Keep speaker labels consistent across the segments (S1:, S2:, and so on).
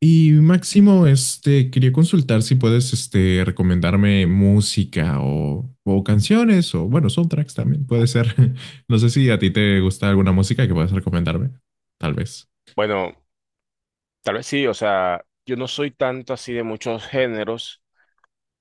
S1: Y Máximo, quería consultar si puedes, recomendarme música o, canciones o, bueno, soundtracks también puede ser. No sé si a ti te gusta alguna música que puedas recomendarme, tal vez.
S2: Bueno, tal vez sí, o sea, yo no soy tanto así de muchos géneros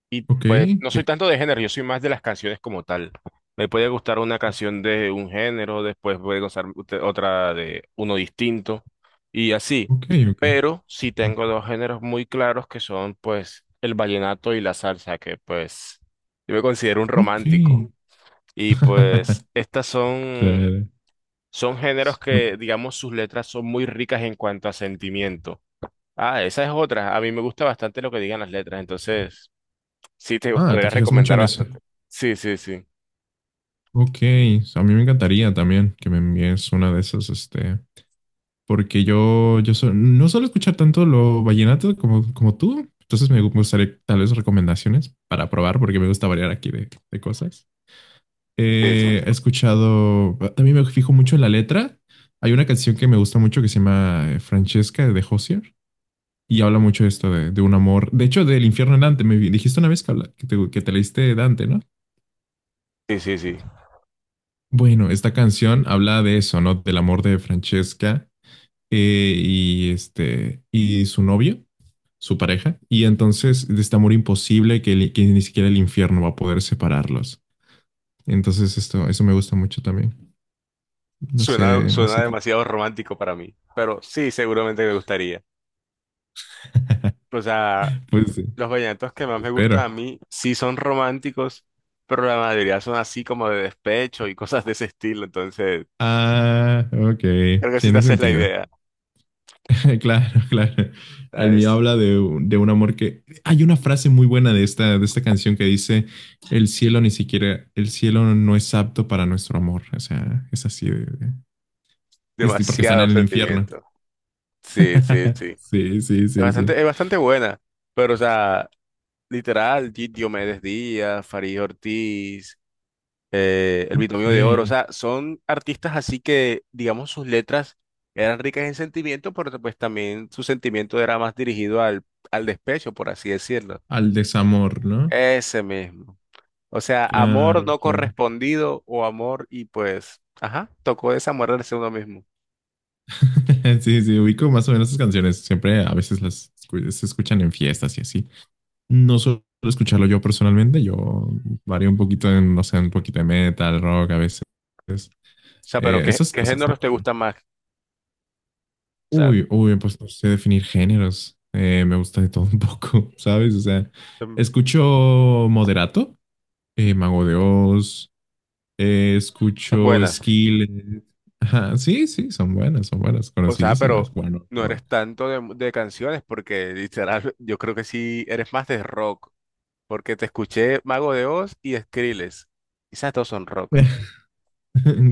S2: y
S1: Ok,
S2: pues no soy
S1: que,
S2: tanto de género, yo soy más de las canciones como tal. Me puede gustar una
S1: ok,
S2: canción de un género, después puede gustar otra de uno distinto y así.
S1: ok,
S2: Pero sí tengo dos géneros muy claros que son pues el vallenato y la salsa, que pues yo me considero un romántico.
S1: ok.
S2: Y pues
S1: Claro.
S2: son géneros que digamos sus letras son muy ricas en cuanto a sentimiento. Ah, esa es otra. A mí me gusta bastante lo que digan las letras, entonces sí te
S1: Ah,
S2: podría
S1: te fijas mucho
S2: recomendar
S1: en eso.
S2: bastante. Sí, sí, sí.
S1: Ok, a mí me encantaría también que me envíes una de esas. Porque yo no suelo escuchar tanto lo vallenato como, tú, entonces me gustaría tal vez recomendaciones para probar, porque me gusta variar aquí de, cosas.
S2: Sí, sí,
S1: Eh,
S2: sí.
S1: he escuchado, también me fijo mucho en la letra. Hay una canción que me gusta mucho que se llama Francesca de Hozier y habla mucho de esto de, un amor, de hecho del infierno en Dante, dijiste una vez que te leíste Dante, ¿no?
S2: Sí, sí, sí.
S1: Bueno, esta canción habla de eso, ¿no? Del amor de Francesca y y su novio, su pareja, y entonces de este amor imposible que ni siquiera el infierno va a poder separarlos. Entonces esto, eso me gusta mucho también. No
S2: Suena,
S1: sé, no
S2: suena
S1: sé qué.
S2: demasiado romántico para mí, pero sí, seguramente me gustaría. O sea,
S1: Pues sí,
S2: los vallenatos que más me gustan
S1: espero.
S2: a mí sí son románticos, pero la mayoría son así como de despecho y cosas de ese estilo, entonces
S1: Ah, ok,
S2: creo que sí te
S1: tiene
S2: haces la
S1: sentido.
S2: idea.
S1: Claro, claro.
S2: O sea,
S1: El mío
S2: es
S1: habla de, de un amor que. Hay una frase muy buena de esta canción que dice, el cielo ni siquiera, el cielo no es apto para nuestro amor. O sea, es así es porque están
S2: demasiado
S1: en el infierno.
S2: sentimiento. Sí, sí, sí.
S1: Sí, sí,
S2: Es
S1: sí, sí.
S2: bastante, es bastante buena, pero o sea, literal, Diomedes Díaz, Farid Ortiz, El
S1: Ok.
S2: Binomio de Oro, o sea, son artistas así que, digamos, sus letras eran ricas en sentimiento, pero pues también su sentimiento era más dirigido al, al despecho, por así decirlo.
S1: Al desamor, ¿no?
S2: Ese mismo. O sea, amor
S1: Claro,
S2: no
S1: claro.
S2: correspondido o amor y pues, ajá, tocó desamorarse uno mismo. O
S1: Sí, sí, ubico más o menos esas canciones. Siempre a veces se escuchan en fiestas y así. No suelo escucharlo yo personalmente. Yo varío un poquito en, no sé, un poquito de metal, rock a veces.
S2: sea, pero
S1: Eh,
S2: ¿qué,
S1: esas
S2: qué
S1: cosas, ¿no?
S2: géneros te
S1: Pero,
S2: gustan más? O sea,
S1: uy, uy, pues no sé definir géneros. Me gusta de todo un poco, ¿sabes? O sea,
S2: em,
S1: escucho moderato, Mago de Oz,
S2: esa es
S1: escucho
S2: buena.
S1: Skillet. Ajá, sí, sí, son buenas,
S2: O sea,
S1: conocidísimas.
S2: pero
S1: Bueno,
S2: no
S1: rock.
S2: eres tanto de canciones, porque literal, yo creo que sí eres más de rock, porque te escuché Mago de Oz y Skrillex. Esas dos son rock.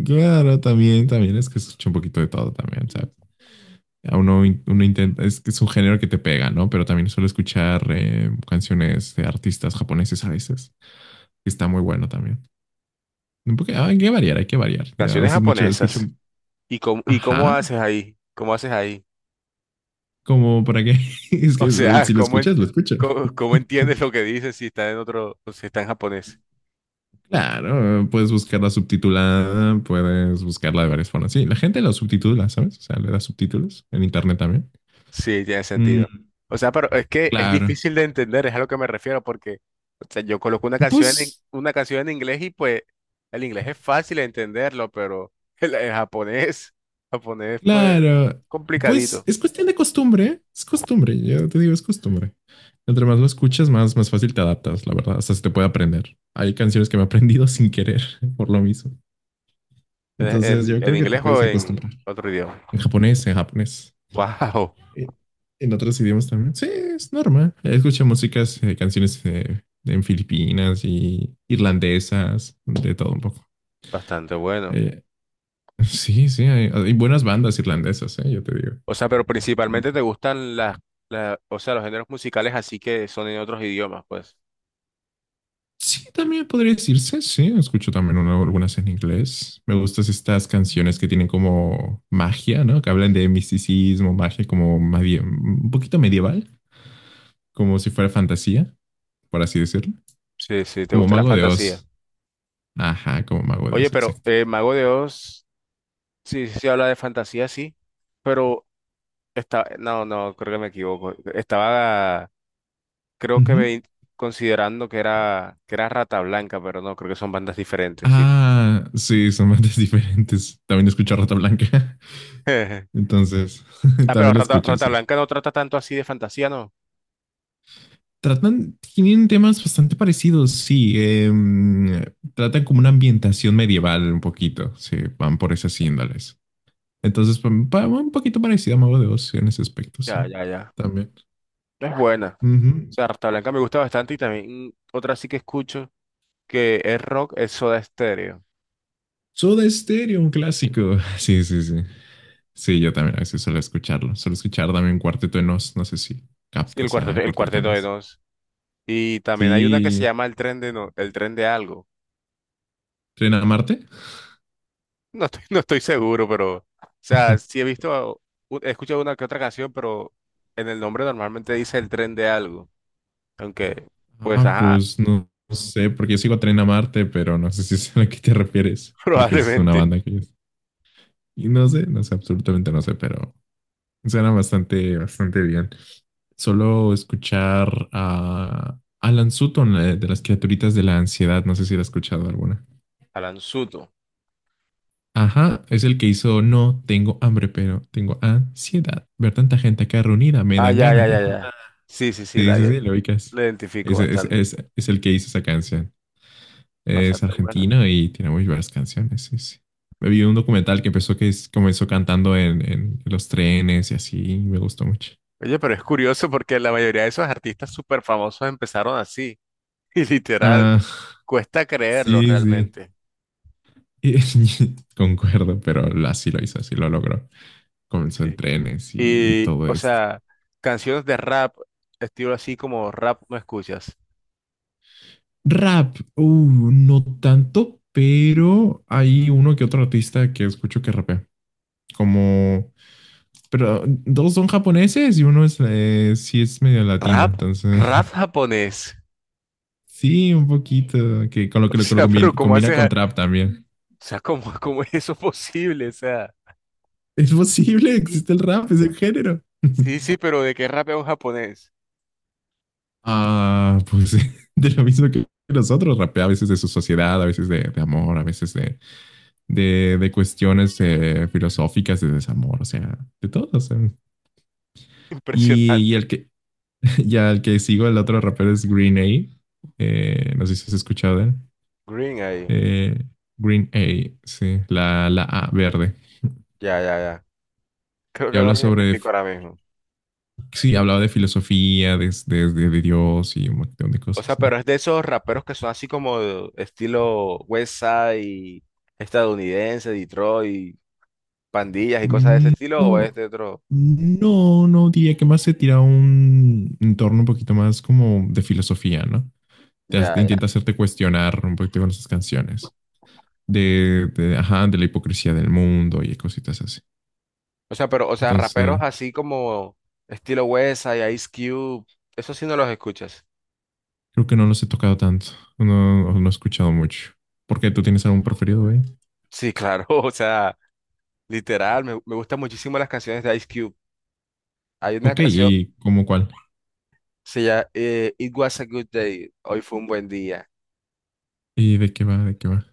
S1: Claro, también, también es que escucho un poquito de todo también, ¿sabes? A uno, uno intenta, es que es un género que te pega, ¿no? Pero también suelo escuchar canciones de artistas japoneses a veces, que está muy bueno también. Un poco, ah, hay que variar, hay que variar. Ya a
S2: Canciones
S1: veces mucho escucho,
S2: japonesas. ¿Y cómo
S1: ajá,
S2: haces ahí? ¿Cómo haces ahí?
S1: como para qué, es
S2: O
S1: que
S2: sea,
S1: si lo escuchas, lo escucho.
S2: ¿cómo, cómo entiendes lo que dices si está en otro, si está en japonés?
S1: Claro, puedes buscarla subtitulada, puedes buscarla de varias formas. Sí, la gente la subtitula, ¿sabes? O sea, le da subtítulos en internet también.
S2: Sí, tiene sentido.
S1: Mm,
S2: O sea, pero es que es
S1: claro.
S2: difícil de entender, es a lo que me refiero, porque o sea, yo coloco
S1: Pues,
S2: una canción en inglés y pues el inglés es fácil de entenderlo, pero el japonés, japonés pues
S1: claro. Pues
S2: complicadito.
S1: es cuestión de costumbre. Es costumbre, yo te digo, es costumbre. Entre más lo escuchas, más fácil te adaptas, la verdad. Hasta se te puede aprender. Hay canciones que me he aprendido sin querer por lo mismo. Entonces, yo
S2: En
S1: creo que te
S2: inglés
S1: puedes
S2: o en
S1: acostumbrar.
S2: otro idioma.
S1: En japonés, en japonés.
S2: Wow,
S1: Eh, En otros idiomas también. Sí, es normal. Escucho músicas, canciones en Filipinas y irlandesas, de todo un poco.
S2: bastante bueno.
S1: Eh, sí, sí, hay buenas bandas irlandesas, yo te digo.
S2: O sea, pero principalmente
S1: Entonces,
S2: te gustan o sea, los géneros musicales así que son en otros idiomas, pues.
S1: sí, también podría decirse, sí, escucho también algunas en inglés. Me gustan estas canciones que tienen como magia, ¿no? Que hablan de misticismo, magia como un poquito medieval, como si fuera fantasía, por así decirlo.
S2: Sí, sí, te
S1: Como
S2: gusta la
S1: Mago de
S2: fantasía.
S1: Oz. Ajá, como Mago de
S2: Oye,
S1: Oz,
S2: pero
S1: exacto.
S2: Mago de Oz. Sí, sí, sí, habla de fantasía, sí, pero está, no, no, creo que me equivoco. Estaba, creo que ve- considerando que era Rata Blanca, pero no, creo que son bandas diferentes, sí.
S1: Ah, sí, son bandas diferentes. También escucho a Rata Blanca. Entonces,
S2: Ah, pero
S1: también lo
S2: Rata,
S1: escucho,
S2: Rata
S1: sí.
S2: Blanca no trata tanto así de fantasía, ¿no?
S1: Tratan, tienen temas bastante parecidos, sí. Tratan como una ambientación medieval un poquito, sí, van por esas índoles. Entonces, un poquito parecida a Mago de Oz sí, en ese aspecto, sí,
S2: Ya, ya, ya.
S1: también.
S2: Es buena. O
S1: Ujú.
S2: sea, Rata Blanca me gusta bastante y también otra sí que escucho que es rock, es Soda Stereo.
S1: Soda Stereo, un clásico. Sí, sí, sí. Sí, yo también a veces suelo escucharlo. Suelo escuchar también Cuarteto de Nos, no sé si
S2: Sí, el
S1: captas
S2: cuarteto,
S1: a
S2: el
S1: Cuarteto de
S2: cuarteto de
S1: Nos.
S2: Nos. Y también hay una que se
S1: Sí,
S2: llama El Tren de No, El Tren de Algo.
S1: ¿Tren a Marte?
S2: No estoy seguro, pero, o sea, sí he visto, he escuchado una que otra canción, pero en el nombre normalmente dice el tren de algo. Aunque, pues,
S1: Ah,
S2: ajá,
S1: pues no, no sé, porque yo sigo Tren a Marte, pero no sé si es a la que te refieres, porque es una
S2: probablemente.
S1: banda que. Y no sé, no sé, absolutamente no sé, pero suena bastante, bastante bien. Solo escuchar a Alan Sutton, de las criaturitas de la ansiedad, no sé si la has escuchado alguna.
S2: Alan Suto.
S1: Ajá, es el que hizo No tengo hambre, pero tengo ansiedad. Ver tanta gente acá reunida me
S2: Ah,
S1: dan
S2: ya, ya,
S1: ganas de
S2: ya, ya.
S1: fumar.
S2: Sí, sí, sí,
S1: Sí, sí, sí, lo ubicas.
S2: la identifico
S1: Es, es,
S2: bastante.
S1: es, es el que hizo esa canción. Es
S2: Bastante buena.
S1: argentino y tiene muy buenas canciones. Sí, sí. Me vi un documental que empezó comenzó cantando en los trenes y así, y me gustó mucho.
S2: Oye, pero es curioso porque la mayoría de esos artistas súper famosos empezaron así. Y literal,
S1: Ah,
S2: cuesta creerlo
S1: sí, sí.
S2: realmente.
S1: Y- Concuerdo, pero así lo hizo, así lo logró. Comenzó en
S2: Sí.
S1: trenes y
S2: Y,
S1: todo
S2: o
S1: esto.
S2: sea, canciones de rap, estilo así como rap, ¿no escuchas?
S1: Rap, no tanto, pero hay uno que otro artista que escucho que rapea. Como, pero dos son japoneses y uno es, sí es medio latino,
S2: Rap,
S1: entonces
S2: rap japonés.
S1: sí, un poquito, que con lo que
S2: O
S1: lo, que lo
S2: sea,
S1: combina,
S2: pero ¿cómo
S1: combina
S2: haces?
S1: con trap también.
S2: O sea, ¿cómo es eso posible? O sea,
S1: Es posible,
S2: y-
S1: existe el rap, es el género.
S2: sí, sí, pero ¿de qué rap es un japonés?
S1: Ah, pues de lo mismo que nosotros, rapea a veces de su sociedad, a veces de, amor, a veces de cuestiones filosóficas, de desamor, o sea, de todo. O sea. Y
S2: Impresionante.
S1: el que, ya el que sigo, el otro rapero es Green A. No sé si has escuchado de él.
S2: Green ahí.
S1: Eh, Green A, sí, la A verde,
S2: Ya, ya, ya. Creo
S1: que
S2: que no
S1: habla
S2: lo
S1: sobre
S2: identifico ahora mismo.
S1: sí, hablaba de filosofía, de Dios y un montón de
S2: O sea,
S1: cosas, ¿no?
S2: pero es de esos raperos que son así como de estilo West Side, estadounidense, Detroit, pandillas y cosas de ese estilo, o es
S1: No,
S2: de otro.
S1: no, no, diría que más se tira a un entorno un poquito más como de filosofía, ¿no? Te hace-
S2: Ya, ya.
S1: intenta hacerte cuestionar un poquito con esas canciones. De, ajá, de la hipocresía del mundo y cositas así.
S2: O sea, pero, o sea, raperos
S1: Entonces,
S2: así como estilo West Side, Ice Cube, eso sí no los escuchas.
S1: creo que no los he tocado tanto. No, no he escuchado mucho. ¿Por qué? ¿Tú tienes algún preferido, eh?
S2: Sí, claro, o sea, literal, me gustan muchísimo las canciones de Ice Cube. Hay una
S1: Ok,
S2: canción,
S1: ¿y cómo cuál?
S2: se llama It Was a Good Day, hoy fue un buen día.
S1: ¿Y de qué va? ¿De qué va?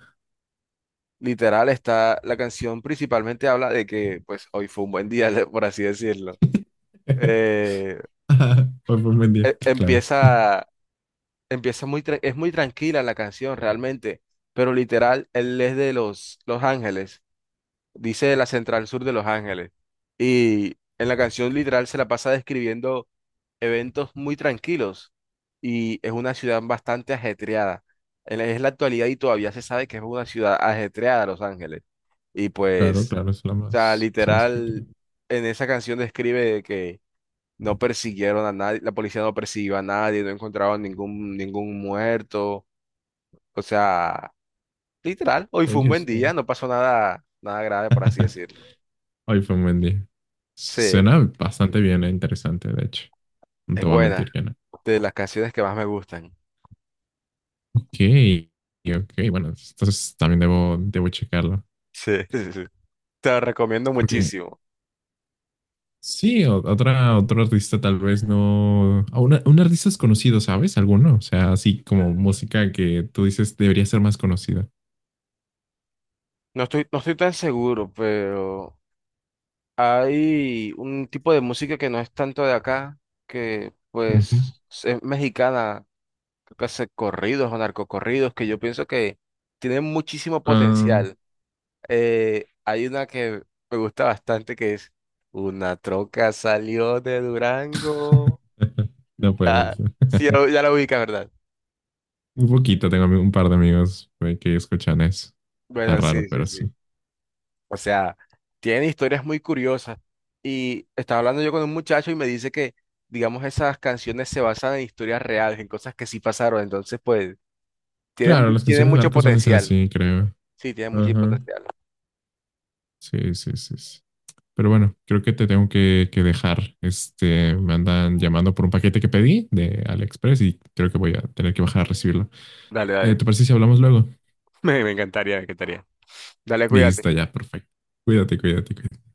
S2: Literal, está, la canción principalmente habla de que, pues, hoy fue un buen día, por así decirlo. Eh,
S1: Ajá, Hoy fue un buen día. Claro,
S2: empieza, es muy tranquila la canción realmente, pero literal, él es de Los Ángeles, dice de la Central Sur de Los Ángeles. Y en la canción literal se la pasa describiendo eventos muy tranquilos y es una ciudad bastante ajetreada. Es la actualidad y todavía se sabe que es una ciudad ajetreada, Los Ángeles. Y
S1: claro,
S2: pues,
S1: claro, es la
S2: o sea,
S1: más, es la más agitada.
S2: literal, en esa canción describe que no persiguieron a nadie, la policía no persiguió a nadie, no encontraron ningún muerto. O sea, literal, hoy fue un
S1: Oye,
S2: buen
S1: está.
S2: día, no pasó nada, nada grave, por así decirlo.
S1: Hoy fue un buen día.
S2: Sí,
S1: Suena bastante bien e interesante, de hecho. No te
S2: es
S1: voy a mentir
S2: buena,
S1: que no.
S2: de las canciones que más me gustan.
S1: Ok, ok, bueno, entonces también debo checarlo.
S2: Sí, sí, sí. Te la recomiendo
S1: Porque
S2: muchísimo.
S1: sí, otra, otro artista tal vez no. A un artista es conocido, ¿sabes? Alguno. O sea, así como música que tú dices debería ser más conocida.
S2: No estoy tan seguro, pero hay un tipo de música que no es tanto de acá, que
S1: Ujú.
S2: pues es mexicana, creo que hace corridos o narcocorridos, que yo pienso que tienen muchísimo
S1: Ah,
S2: potencial. Hay una que me gusta bastante que es Una troca salió de Durango.
S1: no puede
S2: Ya,
S1: ser.
S2: sí, ya la ubicas, ¿verdad?
S1: Un poquito, tengo un par de amigos que escuchan eso. Está
S2: Bueno,
S1: raro,
S2: sí, sí,
S1: pero
S2: sí.
S1: sí.
S2: O sea, tienen historias muy curiosas. Y estaba hablando yo con un muchacho y me dice que, digamos, esas canciones se basan en historias reales, en cosas que sí pasaron. Entonces, pues,
S1: Claro, las
S2: tienen
S1: canciones de
S2: mucho
S1: narcos suelen ser
S2: potencial.
S1: así, creo.
S2: Sí, tienen mucho
S1: Ajá.
S2: potencial.
S1: Sí, sí, sí, sí. Pero bueno, creo que te tengo que dejar. Me andan llamando por un paquete que pedí de AliExpress y creo que voy a tener que bajar a recibirlo.
S2: Dale,
S1: Eh,
S2: dale.
S1: ¿te parece si hablamos luego?
S2: Me encantaría, me encantaría. Dale,
S1: Listo,
S2: cuídate.
S1: ya, perfecto. Cuídate, cuídate, cuídate.